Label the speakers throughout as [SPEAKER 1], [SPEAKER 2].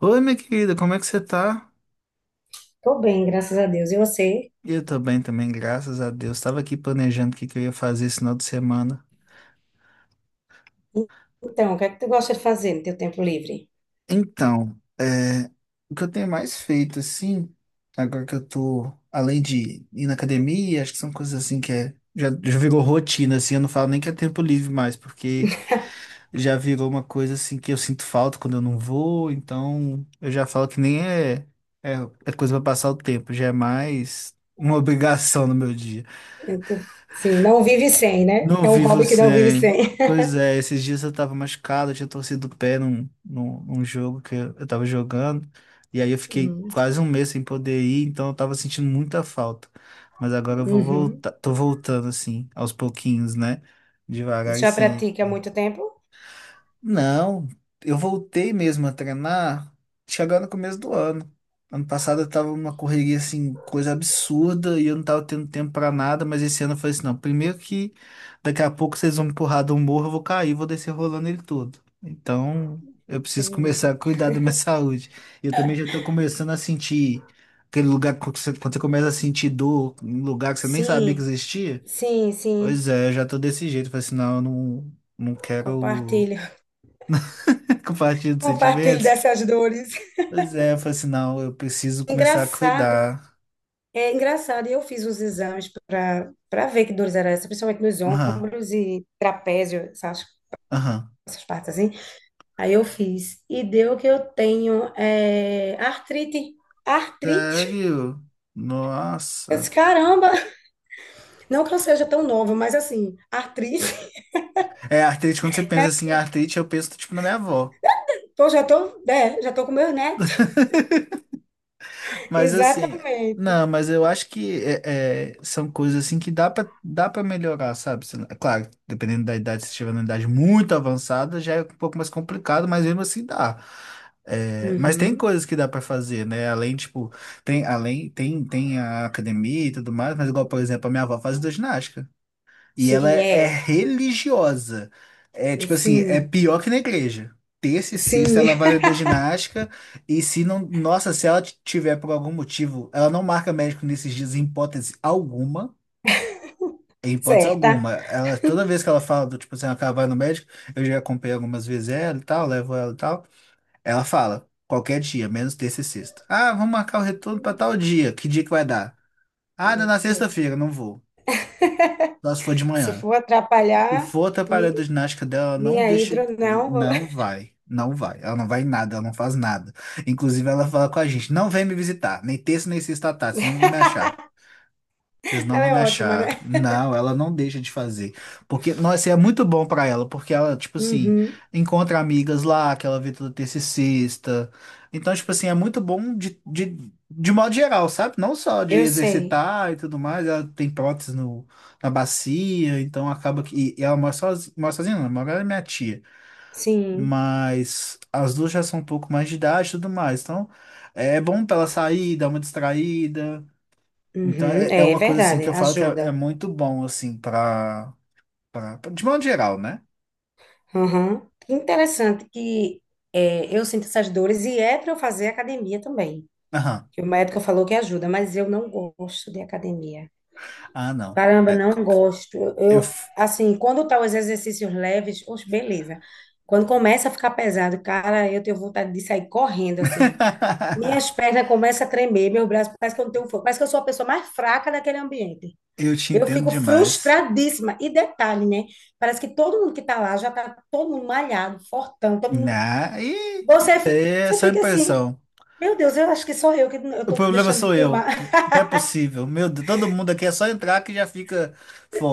[SPEAKER 1] Oi, minha querida, como é que você tá?
[SPEAKER 2] Tô bem, graças a Deus. E você?
[SPEAKER 1] Eu tô bem também, graças a Deus. Tava aqui planejando o que que eu ia fazer esse final de semana.
[SPEAKER 2] Então, o que é que tu gosta de fazer no teu tempo livre?
[SPEAKER 1] Então, o que eu tenho mais feito, assim, agora que eu tô, além de ir na academia, acho que são coisas assim que já virou rotina, assim, eu não falo nem que é tempo livre mais, porque já virou uma coisa, assim, que eu sinto falta quando eu não vou, então eu já falo que nem é, é coisa pra passar o tempo, já é mais uma obrigação no meu dia.
[SPEAKER 2] Então, sim, não vive sem, né?
[SPEAKER 1] Não
[SPEAKER 2] É um
[SPEAKER 1] vi
[SPEAKER 2] hobby que não vive
[SPEAKER 1] você.
[SPEAKER 2] sem.
[SPEAKER 1] Pois é, esses dias eu tava machucado, eu tinha torcido o pé num jogo que eu tava jogando. E aí eu fiquei
[SPEAKER 2] Uhum.
[SPEAKER 1] quase um mês sem poder ir, então eu tava sentindo muita falta. Mas agora eu vou
[SPEAKER 2] Uhum.
[SPEAKER 1] voltar, tô voltando assim, aos pouquinhos, né? Devagar e
[SPEAKER 2] Já
[SPEAKER 1] sem.
[SPEAKER 2] pratica há muito tempo?
[SPEAKER 1] Não, eu voltei mesmo a treinar chegando no começo do ano. Ano passado eu tava numa correria assim, coisa absurda, e eu não tava tendo tempo pra nada, mas esse ano eu falei assim, não, primeiro que daqui a pouco vocês vão me empurrar de um morro, eu vou cair, vou descer rolando ele todo. Então, eu preciso começar
[SPEAKER 2] Entendi.
[SPEAKER 1] a cuidar da minha saúde. E eu também já tô começando a sentir aquele lugar que quando você começa a sentir dor, um lugar que você nem sabia que
[SPEAKER 2] Sim,
[SPEAKER 1] existia.
[SPEAKER 2] sim, sim.
[SPEAKER 1] Pois é, eu já tô desse jeito, falei assim, não, eu não, não quero.
[SPEAKER 2] Compartilho.
[SPEAKER 1] Compartilho de
[SPEAKER 2] Compartilho
[SPEAKER 1] sentimentos?
[SPEAKER 2] dessas dores.
[SPEAKER 1] Pois é, eu falei assim, não, eu preciso começar a
[SPEAKER 2] Engraçado.
[SPEAKER 1] cuidar.
[SPEAKER 2] É engraçado. E eu fiz os exames para ver que dores eram essas, principalmente nos
[SPEAKER 1] Aham,
[SPEAKER 2] ombros e trapézio, essas,
[SPEAKER 1] aham.
[SPEAKER 2] essas partes assim. Aí eu fiz. E deu que eu tenho é, artrite. Artrite?
[SPEAKER 1] Sério?
[SPEAKER 2] Eu disse,
[SPEAKER 1] Nossa.
[SPEAKER 2] caramba! Não que eu seja tão nova, mas assim, artrite.
[SPEAKER 1] É, artrite, quando você
[SPEAKER 2] É,
[SPEAKER 1] pensa assim, artrite, eu penso, tipo, na minha avó.
[SPEAKER 2] já tô com meu neto.
[SPEAKER 1] Mas assim,
[SPEAKER 2] Exatamente.
[SPEAKER 1] não, mas eu acho que são coisas assim que dá para melhorar, sabe? É claro, dependendo da idade, se estiver numa idade muito avançada, já é um pouco mais complicado, mas mesmo assim dá. É, mas tem
[SPEAKER 2] Uhum.
[SPEAKER 1] coisas que dá pra fazer, né? Além, tipo, tem, além, tem a academia e tudo mais, mas igual, por exemplo, a minha avó faz hidroginástica. E ela
[SPEAKER 2] Sim,
[SPEAKER 1] é
[SPEAKER 2] é.
[SPEAKER 1] religiosa. É
[SPEAKER 2] E
[SPEAKER 1] tipo assim, é
[SPEAKER 2] sim,
[SPEAKER 1] pior que na igreja. Terça e
[SPEAKER 2] sim,
[SPEAKER 1] sexta ela vai da ginástica e se não, nossa, se ela tiver por algum motivo, ela não marca médico nesses dias em hipótese alguma, em hipótese
[SPEAKER 2] certa.
[SPEAKER 1] alguma. Ela toda vez que ela fala do tipo assim, ela vai no médico, eu já acompanhei algumas vezes ela e tal, levo ela e tal. Ela fala qualquer dia, menos terça e sexta. Ah, vamos marcar o retorno para tal dia. Que dia que vai dar? Ah, dá na sexta-feira, não vou. Só se for de
[SPEAKER 2] Se
[SPEAKER 1] manhã.
[SPEAKER 2] for
[SPEAKER 1] Se
[SPEAKER 2] atrapalhar,
[SPEAKER 1] for atrapalhar
[SPEAKER 2] mi-
[SPEAKER 1] a ginástica dela, ela não
[SPEAKER 2] minha
[SPEAKER 1] deixa.
[SPEAKER 2] hidro, não, vou-
[SPEAKER 1] Não vai. Não vai. Ela não vai em nada, ela não faz nada. Inclusive, ela fala com a gente: não vem me visitar, nem terça, nem sexta à tarde, senão não vai me achar. Vocês não
[SPEAKER 2] ela
[SPEAKER 1] vão
[SPEAKER 2] é
[SPEAKER 1] me
[SPEAKER 2] ótima,
[SPEAKER 1] achar.
[SPEAKER 2] né?
[SPEAKER 1] Não, ela não deixa de fazer. Porque, nossa, é muito bom pra ela, porque ela, tipo assim,
[SPEAKER 2] Uhum.
[SPEAKER 1] encontra amigas lá, que ela vê toda terça e sexta. Então, tipo assim, é muito bom de modo geral, sabe? Não só de
[SPEAKER 2] Eu sei.
[SPEAKER 1] exercitar e tudo mais, ela tem prótese no, na bacia, então acaba que. E ela mora sozinha, não, mora ela e minha tia.
[SPEAKER 2] Sim.
[SPEAKER 1] Mas as duas já são um pouco mais de idade e tudo mais. Então, é bom pra ela sair, dar uma distraída. Então
[SPEAKER 2] Uhum.
[SPEAKER 1] é
[SPEAKER 2] é
[SPEAKER 1] uma coisa assim
[SPEAKER 2] verdade,
[SPEAKER 1] que eu falo que é
[SPEAKER 2] ajuda.
[SPEAKER 1] muito bom assim para de modo geral, né?
[SPEAKER 2] Aham. Que interessante que eu sinto essas dores e é para eu fazer academia também.
[SPEAKER 1] Aham.
[SPEAKER 2] Que o médico falou que ajuda, mas eu não gosto de academia.
[SPEAKER 1] Ah, não.
[SPEAKER 2] Caramba,
[SPEAKER 1] É,
[SPEAKER 2] não gosto.
[SPEAKER 1] eu
[SPEAKER 2] Eu,
[SPEAKER 1] f-
[SPEAKER 2] assim, quando tá os exercícios leves, oxe, beleza. Quando começa a ficar pesado, cara, eu tenho vontade de sair correndo, assim. Minhas pernas começam a tremer, meus braços, parece que eu não tenho força, parece que eu sou a pessoa mais fraca daquele ambiente.
[SPEAKER 1] eu te
[SPEAKER 2] Eu
[SPEAKER 1] entendo
[SPEAKER 2] fico
[SPEAKER 1] demais.
[SPEAKER 2] frustradíssima. E detalhe, né? Parece que todo mundo que tá lá já tá todo mundo malhado, fortão, todo mundo.
[SPEAKER 1] Na e
[SPEAKER 2] Você,
[SPEAKER 1] isso aí
[SPEAKER 2] fi-
[SPEAKER 1] é
[SPEAKER 2] você
[SPEAKER 1] só
[SPEAKER 2] fica assim,
[SPEAKER 1] impressão.
[SPEAKER 2] meu Deus, eu acho que sou eu que não- eu
[SPEAKER 1] O
[SPEAKER 2] tô
[SPEAKER 1] problema
[SPEAKER 2] deixando de
[SPEAKER 1] sou eu.
[SPEAKER 2] tomar.
[SPEAKER 1] Não é possível. Meu Deus, todo mundo aqui é só entrar que já fica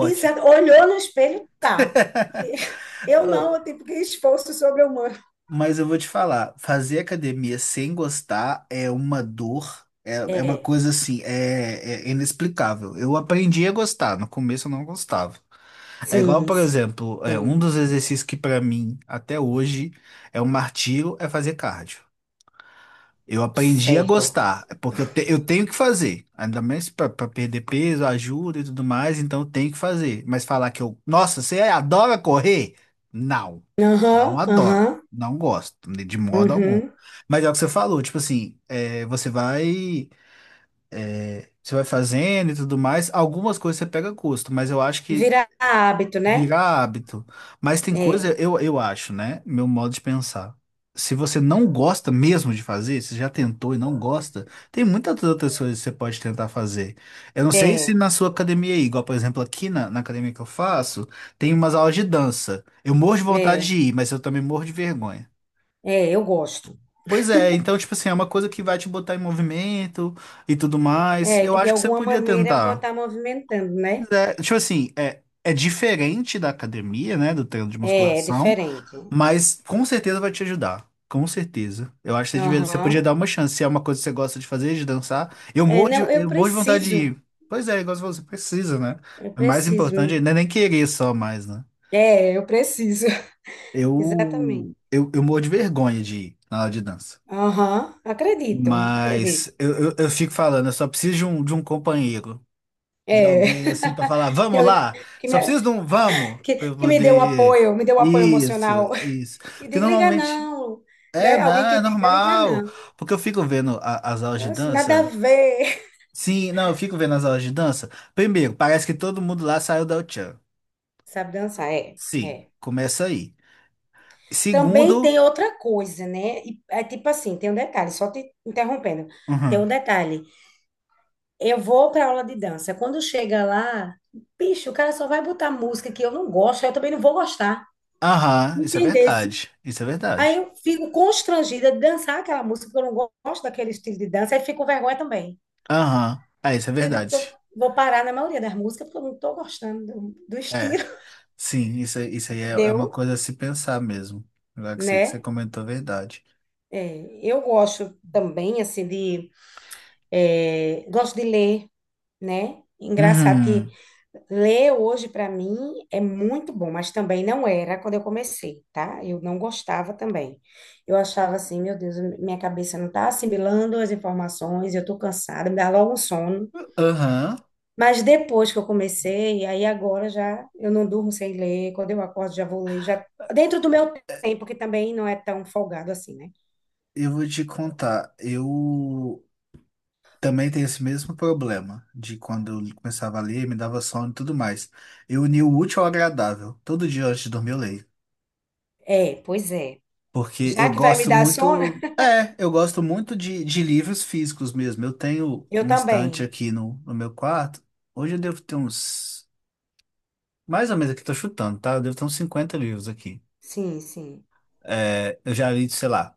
[SPEAKER 2] E você olhou no espelho, tá. E eu não, eu tipo, que esforço sobre-humano.
[SPEAKER 1] Mas eu vou te falar, fazer academia sem gostar é uma dor, é uma
[SPEAKER 2] É,
[SPEAKER 1] coisa assim, é inexplicável. Eu aprendi a gostar, no começo eu não gostava. É igual,
[SPEAKER 2] sim,
[SPEAKER 1] por exemplo,
[SPEAKER 2] sim,
[SPEAKER 1] um dos exercícios que pra mim, até hoje, é um martírio, é fazer cardio. Eu aprendi a
[SPEAKER 2] certo.
[SPEAKER 1] gostar, porque eu tenho que fazer, ainda mais para perder peso, ajuda e tudo mais, então eu tenho que fazer. Mas falar que eu, nossa, você adora correr? Não, eu
[SPEAKER 2] Aham,
[SPEAKER 1] não adoro,
[SPEAKER 2] aham,
[SPEAKER 1] não gosto, de modo algum.
[SPEAKER 2] uhum.
[SPEAKER 1] Mas é o que você falou, tipo assim, você vai fazendo e tudo mais, algumas coisas você pega gosto, mas eu acho que
[SPEAKER 2] Vira hábito, né?
[SPEAKER 1] virar hábito. Mas tem coisa,
[SPEAKER 2] É,
[SPEAKER 1] eu acho, né? Meu modo de pensar. Se você não gosta mesmo de fazer, se já tentou e não gosta, tem muitas outras coisas que você pode tentar fazer. Eu não sei se
[SPEAKER 2] é,
[SPEAKER 1] na sua academia aí, igual por exemplo aqui na academia que eu faço, tem umas aulas de dança. Eu morro de vontade
[SPEAKER 2] é,
[SPEAKER 1] de ir, mas eu também morro de vergonha.
[SPEAKER 2] é, eu gosto.
[SPEAKER 1] Pois é, então, tipo assim, é uma coisa que vai te botar em movimento e tudo mais.
[SPEAKER 2] É,
[SPEAKER 1] Eu
[SPEAKER 2] que de
[SPEAKER 1] acho que você
[SPEAKER 2] alguma
[SPEAKER 1] podia
[SPEAKER 2] maneira eu vou
[SPEAKER 1] tentar.
[SPEAKER 2] estar movimentando, né?
[SPEAKER 1] É, tipo assim, é diferente da academia, né? Do treino de
[SPEAKER 2] É, é
[SPEAKER 1] musculação.
[SPEAKER 2] diferente.
[SPEAKER 1] Mas com certeza vai te ajudar. Com certeza. Eu acho que você você
[SPEAKER 2] Aham.
[SPEAKER 1] podia dar uma chance. Se é uma coisa que você gosta de fazer, de dançar. Eu
[SPEAKER 2] É,
[SPEAKER 1] morro de,
[SPEAKER 2] não, eu
[SPEAKER 1] eu morro de vontade de
[SPEAKER 2] preciso,
[SPEAKER 1] ir. Pois é, igual você falou, você precisa, né?
[SPEAKER 2] eu
[SPEAKER 1] O mais
[SPEAKER 2] preciso.
[SPEAKER 1] importante não é nem querer só mais, né?
[SPEAKER 2] É, eu preciso. Exatamente.
[SPEAKER 1] Eu morro de vergonha de ir na aula de dança.
[SPEAKER 2] Aham, acredito, acredito.
[SPEAKER 1] Mas eu fico falando, eu só preciso de um companheiro, de
[SPEAKER 2] É.
[SPEAKER 1] alguém assim pra falar,
[SPEAKER 2] Que,
[SPEAKER 1] vamos
[SPEAKER 2] eu-
[SPEAKER 1] lá!
[SPEAKER 2] que
[SPEAKER 1] Só
[SPEAKER 2] me,
[SPEAKER 1] preciso de um vamos pra eu
[SPEAKER 2] que me deu um
[SPEAKER 1] poder.
[SPEAKER 2] apoio, me deu um apoio
[SPEAKER 1] Isso,
[SPEAKER 2] emocional.
[SPEAKER 1] isso.
[SPEAKER 2] Que
[SPEAKER 1] Porque
[SPEAKER 2] diga, liga
[SPEAKER 1] normalmente.
[SPEAKER 2] não,
[SPEAKER 1] É,
[SPEAKER 2] né?
[SPEAKER 1] não,
[SPEAKER 2] Alguém que
[SPEAKER 1] é
[SPEAKER 2] diga, liga
[SPEAKER 1] normal.
[SPEAKER 2] não.
[SPEAKER 1] Porque eu fico vendo as aulas de
[SPEAKER 2] Nossa, nada a
[SPEAKER 1] dança.
[SPEAKER 2] ver.
[SPEAKER 1] Sim, não, eu fico vendo as aulas de dança. Primeiro, parece que todo mundo lá saiu da Uchan.
[SPEAKER 2] Sabe dançar, é.
[SPEAKER 1] Sim,
[SPEAKER 2] É.
[SPEAKER 1] começa aí.
[SPEAKER 2] Também
[SPEAKER 1] Segundo.
[SPEAKER 2] tem outra coisa, né? É tipo assim, tem um detalhe, só te interrompendo. Tem um
[SPEAKER 1] Uhum.
[SPEAKER 2] detalhe. Eu vou para aula de dança. Quando chega lá, bicho, o cara só vai botar música que eu não gosto, aí eu também não vou gostar.
[SPEAKER 1] Aham, isso é
[SPEAKER 2] Entendesse?
[SPEAKER 1] verdade. Isso é
[SPEAKER 2] Aí
[SPEAKER 1] verdade.
[SPEAKER 2] eu fico constrangida de dançar aquela música, porque eu não gosto daquele estilo de dança, aí fico com vergonha também.
[SPEAKER 1] Aham, isso é
[SPEAKER 2] Eu digo, eu
[SPEAKER 1] verdade.
[SPEAKER 2] vou parar na maioria das músicas, porque eu não estou gostando do
[SPEAKER 1] É,
[SPEAKER 2] estilo.
[SPEAKER 1] sim, isso, isso aí é uma
[SPEAKER 2] Entendeu?
[SPEAKER 1] coisa a se pensar mesmo. Agora que você
[SPEAKER 2] Né?
[SPEAKER 1] comentou a verdade.
[SPEAKER 2] É, eu gosto também, assim, de. É, gosto de ler. Né? Engraçado que
[SPEAKER 1] Uhum.
[SPEAKER 2] ler hoje para mim é muito bom, mas também não era quando eu comecei, tá? Eu não gostava também. Eu achava assim, meu Deus, minha cabeça não tá assimilando as informações, eu tô cansada, me dá logo um sono.
[SPEAKER 1] Aham,
[SPEAKER 2] Mas depois que eu comecei, aí agora já eu não durmo sem ler, quando eu acordo já vou ler, já dentro do meu tempo, que também não é tão folgado assim, né?
[SPEAKER 1] eu vou te contar. Eu. Também tem esse mesmo problema de quando eu começava a ler, me dava sono e tudo mais. Eu uni o útil ao agradável. Todo dia antes de dormir eu leio.
[SPEAKER 2] É, pois é.
[SPEAKER 1] Porque
[SPEAKER 2] Já
[SPEAKER 1] eu
[SPEAKER 2] que vai me
[SPEAKER 1] gosto
[SPEAKER 2] dar sono,
[SPEAKER 1] muito. É, eu gosto muito de livros físicos mesmo. Eu tenho
[SPEAKER 2] eu
[SPEAKER 1] uma estante
[SPEAKER 2] também.
[SPEAKER 1] aqui no meu quarto. Hoje eu devo ter uns. Mais ou menos aqui, tô chutando, tá? Eu devo ter uns 50 livros aqui.
[SPEAKER 2] Sim, sim,
[SPEAKER 1] É, eu já li, sei lá,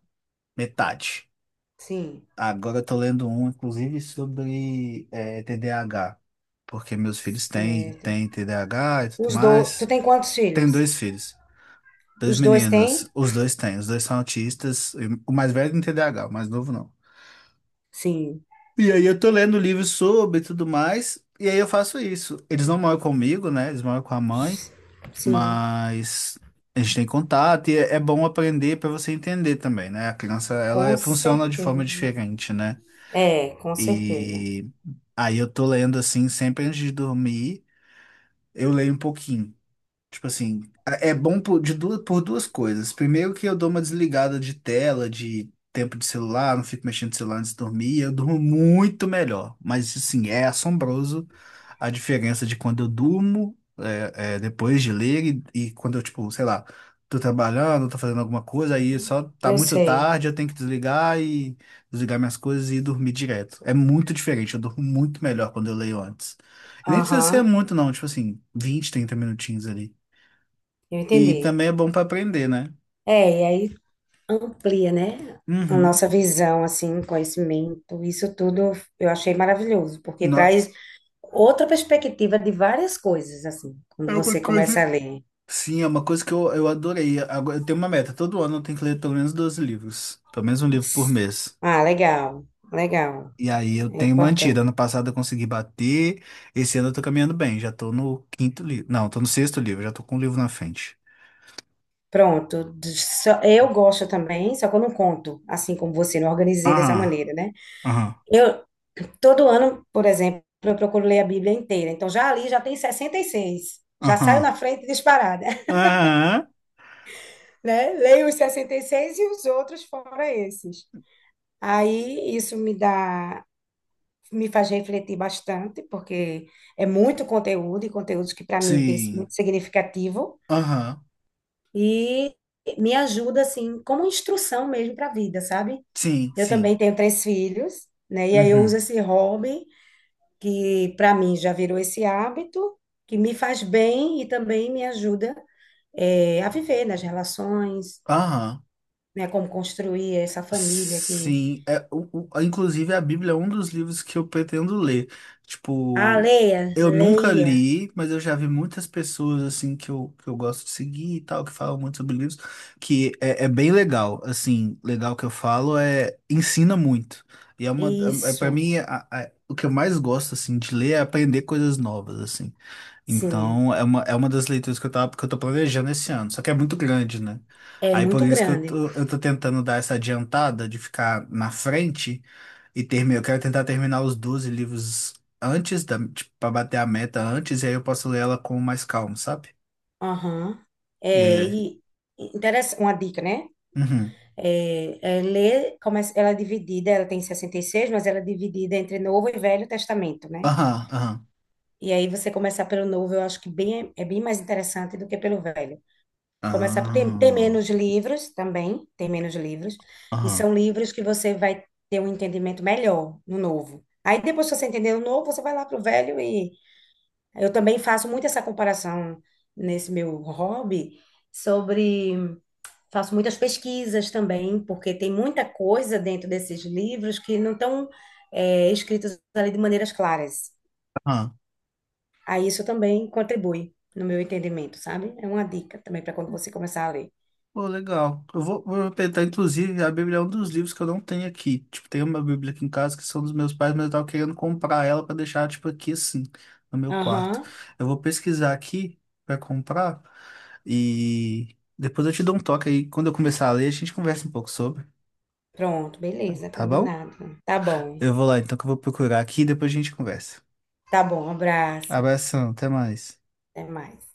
[SPEAKER 1] metade.
[SPEAKER 2] sim.
[SPEAKER 1] Agora eu tô lendo um, inclusive, sobre TDAH. Porque meus filhos têm,
[SPEAKER 2] Certo.
[SPEAKER 1] têm TDAH e tudo
[SPEAKER 2] Os dois. Tu
[SPEAKER 1] mais.
[SPEAKER 2] tem quantos
[SPEAKER 1] Tenho
[SPEAKER 2] filhos?
[SPEAKER 1] dois filhos, dois
[SPEAKER 2] Os dois têm?
[SPEAKER 1] meninos, os dois têm, os dois são autistas, e o mais velho tem TDAH, o mais novo não.
[SPEAKER 2] Sim.
[SPEAKER 1] E aí eu tô lendo livros sobre e tudo mais, e aí eu faço isso. Eles não moram comigo, né? Eles moram com a mãe,
[SPEAKER 2] Sim,
[SPEAKER 1] mas a gente tem contato e é bom aprender para você entender também, né? A criança,
[SPEAKER 2] com
[SPEAKER 1] funciona de forma
[SPEAKER 2] certeza.
[SPEAKER 1] diferente, né?
[SPEAKER 2] É, com certeza.
[SPEAKER 1] E aí eu tô lendo assim, sempre antes de dormir, eu leio um pouquinho. Tipo assim, é bom por, por duas coisas. Primeiro que eu dou uma desligada de tela, de tempo de celular, não fico mexendo no celular antes de dormir, eu durmo muito melhor. Mas assim, é assombroso a diferença de quando eu durmo depois de ler e quando eu, tipo, sei lá, tô trabalhando, tô fazendo alguma coisa, aí só tá
[SPEAKER 2] Eu
[SPEAKER 1] muito
[SPEAKER 2] sei.
[SPEAKER 1] tarde, eu tenho que desligar e desligar minhas coisas e dormir direto. É muito diferente, eu durmo muito melhor quando eu leio antes. E nem precisa
[SPEAKER 2] Aham,
[SPEAKER 1] ser muito, não, tipo assim, 20 30 minutinhos ali.
[SPEAKER 2] eu
[SPEAKER 1] E
[SPEAKER 2] entendi.
[SPEAKER 1] também é bom pra aprender, né?
[SPEAKER 2] É, e aí amplia, né? A
[SPEAKER 1] Uhum.
[SPEAKER 2] nossa visão, assim, conhecimento, isso tudo eu achei maravilhoso, porque
[SPEAKER 1] No-
[SPEAKER 2] traz outra perspectiva de várias coisas, assim,
[SPEAKER 1] É
[SPEAKER 2] quando você
[SPEAKER 1] uma
[SPEAKER 2] começa a
[SPEAKER 1] coisa.
[SPEAKER 2] ler.
[SPEAKER 1] Sim, é uma coisa que eu adorei. Agora, eu tenho uma meta. Todo ano eu tenho que ler pelo menos 12 livros. Pelo menos um livro por mês.
[SPEAKER 2] Ah, legal, legal,
[SPEAKER 1] E aí eu
[SPEAKER 2] é
[SPEAKER 1] tenho mantido.
[SPEAKER 2] importante.
[SPEAKER 1] Ano passado eu consegui bater. Esse ano eu tô caminhando bem. Já tô no quinto livro. Não, tô no sexto livro. Já tô com um livro na frente.
[SPEAKER 2] Pronto, eu gosto também, só que eu não conto, assim como você, não organizei dessa
[SPEAKER 1] Aham,
[SPEAKER 2] maneira, né?
[SPEAKER 1] aham,
[SPEAKER 2] Eu, todo ano, por exemplo, eu procuro ler a Bíblia inteira, então já ali já tem 66, já saio
[SPEAKER 1] aham.
[SPEAKER 2] na frente disparada,
[SPEAKER 1] Aham.
[SPEAKER 2] né? Leio os 66 e os outros fora esses. Aí isso me faz refletir bastante, porque é muito conteúdo, e conteúdos que para mim tem
[SPEAKER 1] Sim.
[SPEAKER 2] muito significativo,
[SPEAKER 1] Aham.
[SPEAKER 2] e me ajuda, assim, como instrução mesmo para a vida, sabe?
[SPEAKER 1] Sim,
[SPEAKER 2] Eu
[SPEAKER 1] sim.
[SPEAKER 2] também tenho três filhos, né? E aí eu
[SPEAKER 1] Uhum.
[SPEAKER 2] uso esse hobby que para mim já virou esse hábito que me faz bem e também me ajuda a viver nas relações,
[SPEAKER 1] Aham.
[SPEAKER 2] né? Como construir essa família que
[SPEAKER 1] Sim, inclusive a Bíblia é um dos livros que eu pretendo ler.
[SPEAKER 2] ah,
[SPEAKER 1] Tipo,
[SPEAKER 2] leia,
[SPEAKER 1] eu nunca
[SPEAKER 2] leia
[SPEAKER 1] li, mas eu já vi muitas pessoas assim que eu gosto de seguir e tal, que falam muito sobre livros, que é bem legal. Assim, legal que eu falo é ensina muito. E para
[SPEAKER 2] isso,
[SPEAKER 1] mim, o que eu mais gosto assim de ler é aprender coisas novas, assim.
[SPEAKER 2] sim,
[SPEAKER 1] Então, é uma das leituras que eu tô planejando esse ano, só que é muito grande, né?
[SPEAKER 2] é
[SPEAKER 1] Aí por
[SPEAKER 2] muito
[SPEAKER 1] isso que eu
[SPEAKER 2] grande.
[SPEAKER 1] tô, eu tô tentando dar essa adiantada de ficar na frente e terminar. Eu quero tentar terminar os 12 livros antes da, tipo, pra bater a meta antes, e aí eu posso ler ela com mais calma, sabe?
[SPEAKER 2] Aham.
[SPEAKER 1] E
[SPEAKER 2] É,
[SPEAKER 1] aí.
[SPEAKER 2] e interessa uma dica, né?
[SPEAKER 1] Uhum.
[SPEAKER 2] É ler, começa, ela é dividida, ela tem 66, mas ela é dividida entre Novo e Velho Testamento, né?
[SPEAKER 1] Aham, aham.
[SPEAKER 2] E aí você começar pelo novo, eu acho que é bem mais interessante do que pelo velho. Começar tem
[SPEAKER 1] Ah,
[SPEAKER 2] menos livros também, tem menos livros, e
[SPEAKER 1] Aham.
[SPEAKER 2] são livros que você vai ter um entendimento melhor no novo. Aí depois que você entender o novo, você vai lá pro velho e eu também faço muito essa comparação nesse meu hobby sobre faço muitas pesquisas também, porque tem muita coisa dentro desses livros que não estão escritos ali de maneiras claras.
[SPEAKER 1] Aham.
[SPEAKER 2] Aí isso também contribui, no meu entendimento, sabe? É uma dica também para quando você começar a ler.
[SPEAKER 1] Pô, legal. Eu vou tentar, inclusive, a Bíblia é um dos livros que eu não tenho aqui. Tipo, tem uma Bíblia aqui em casa que são dos meus pais, mas eu tava querendo comprar ela pra deixar, tipo, aqui assim, no meu quarto.
[SPEAKER 2] Aham,
[SPEAKER 1] Eu vou pesquisar aqui pra comprar e depois eu te dou um toque aí. Quando eu começar a ler, a gente conversa um pouco sobre,
[SPEAKER 2] pronto, beleza,
[SPEAKER 1] tá bom?
[SPEAKER 2] combinado. Tá bom,
[SPEAKER 1] Eu vou lá então, que eu vou procurar aqui e depois a gente conversa.
[SPEAKER 2] tá bom, abraço,
[SPEAKER 1] Abração, até mais.
[SPEAKER 2] até mais.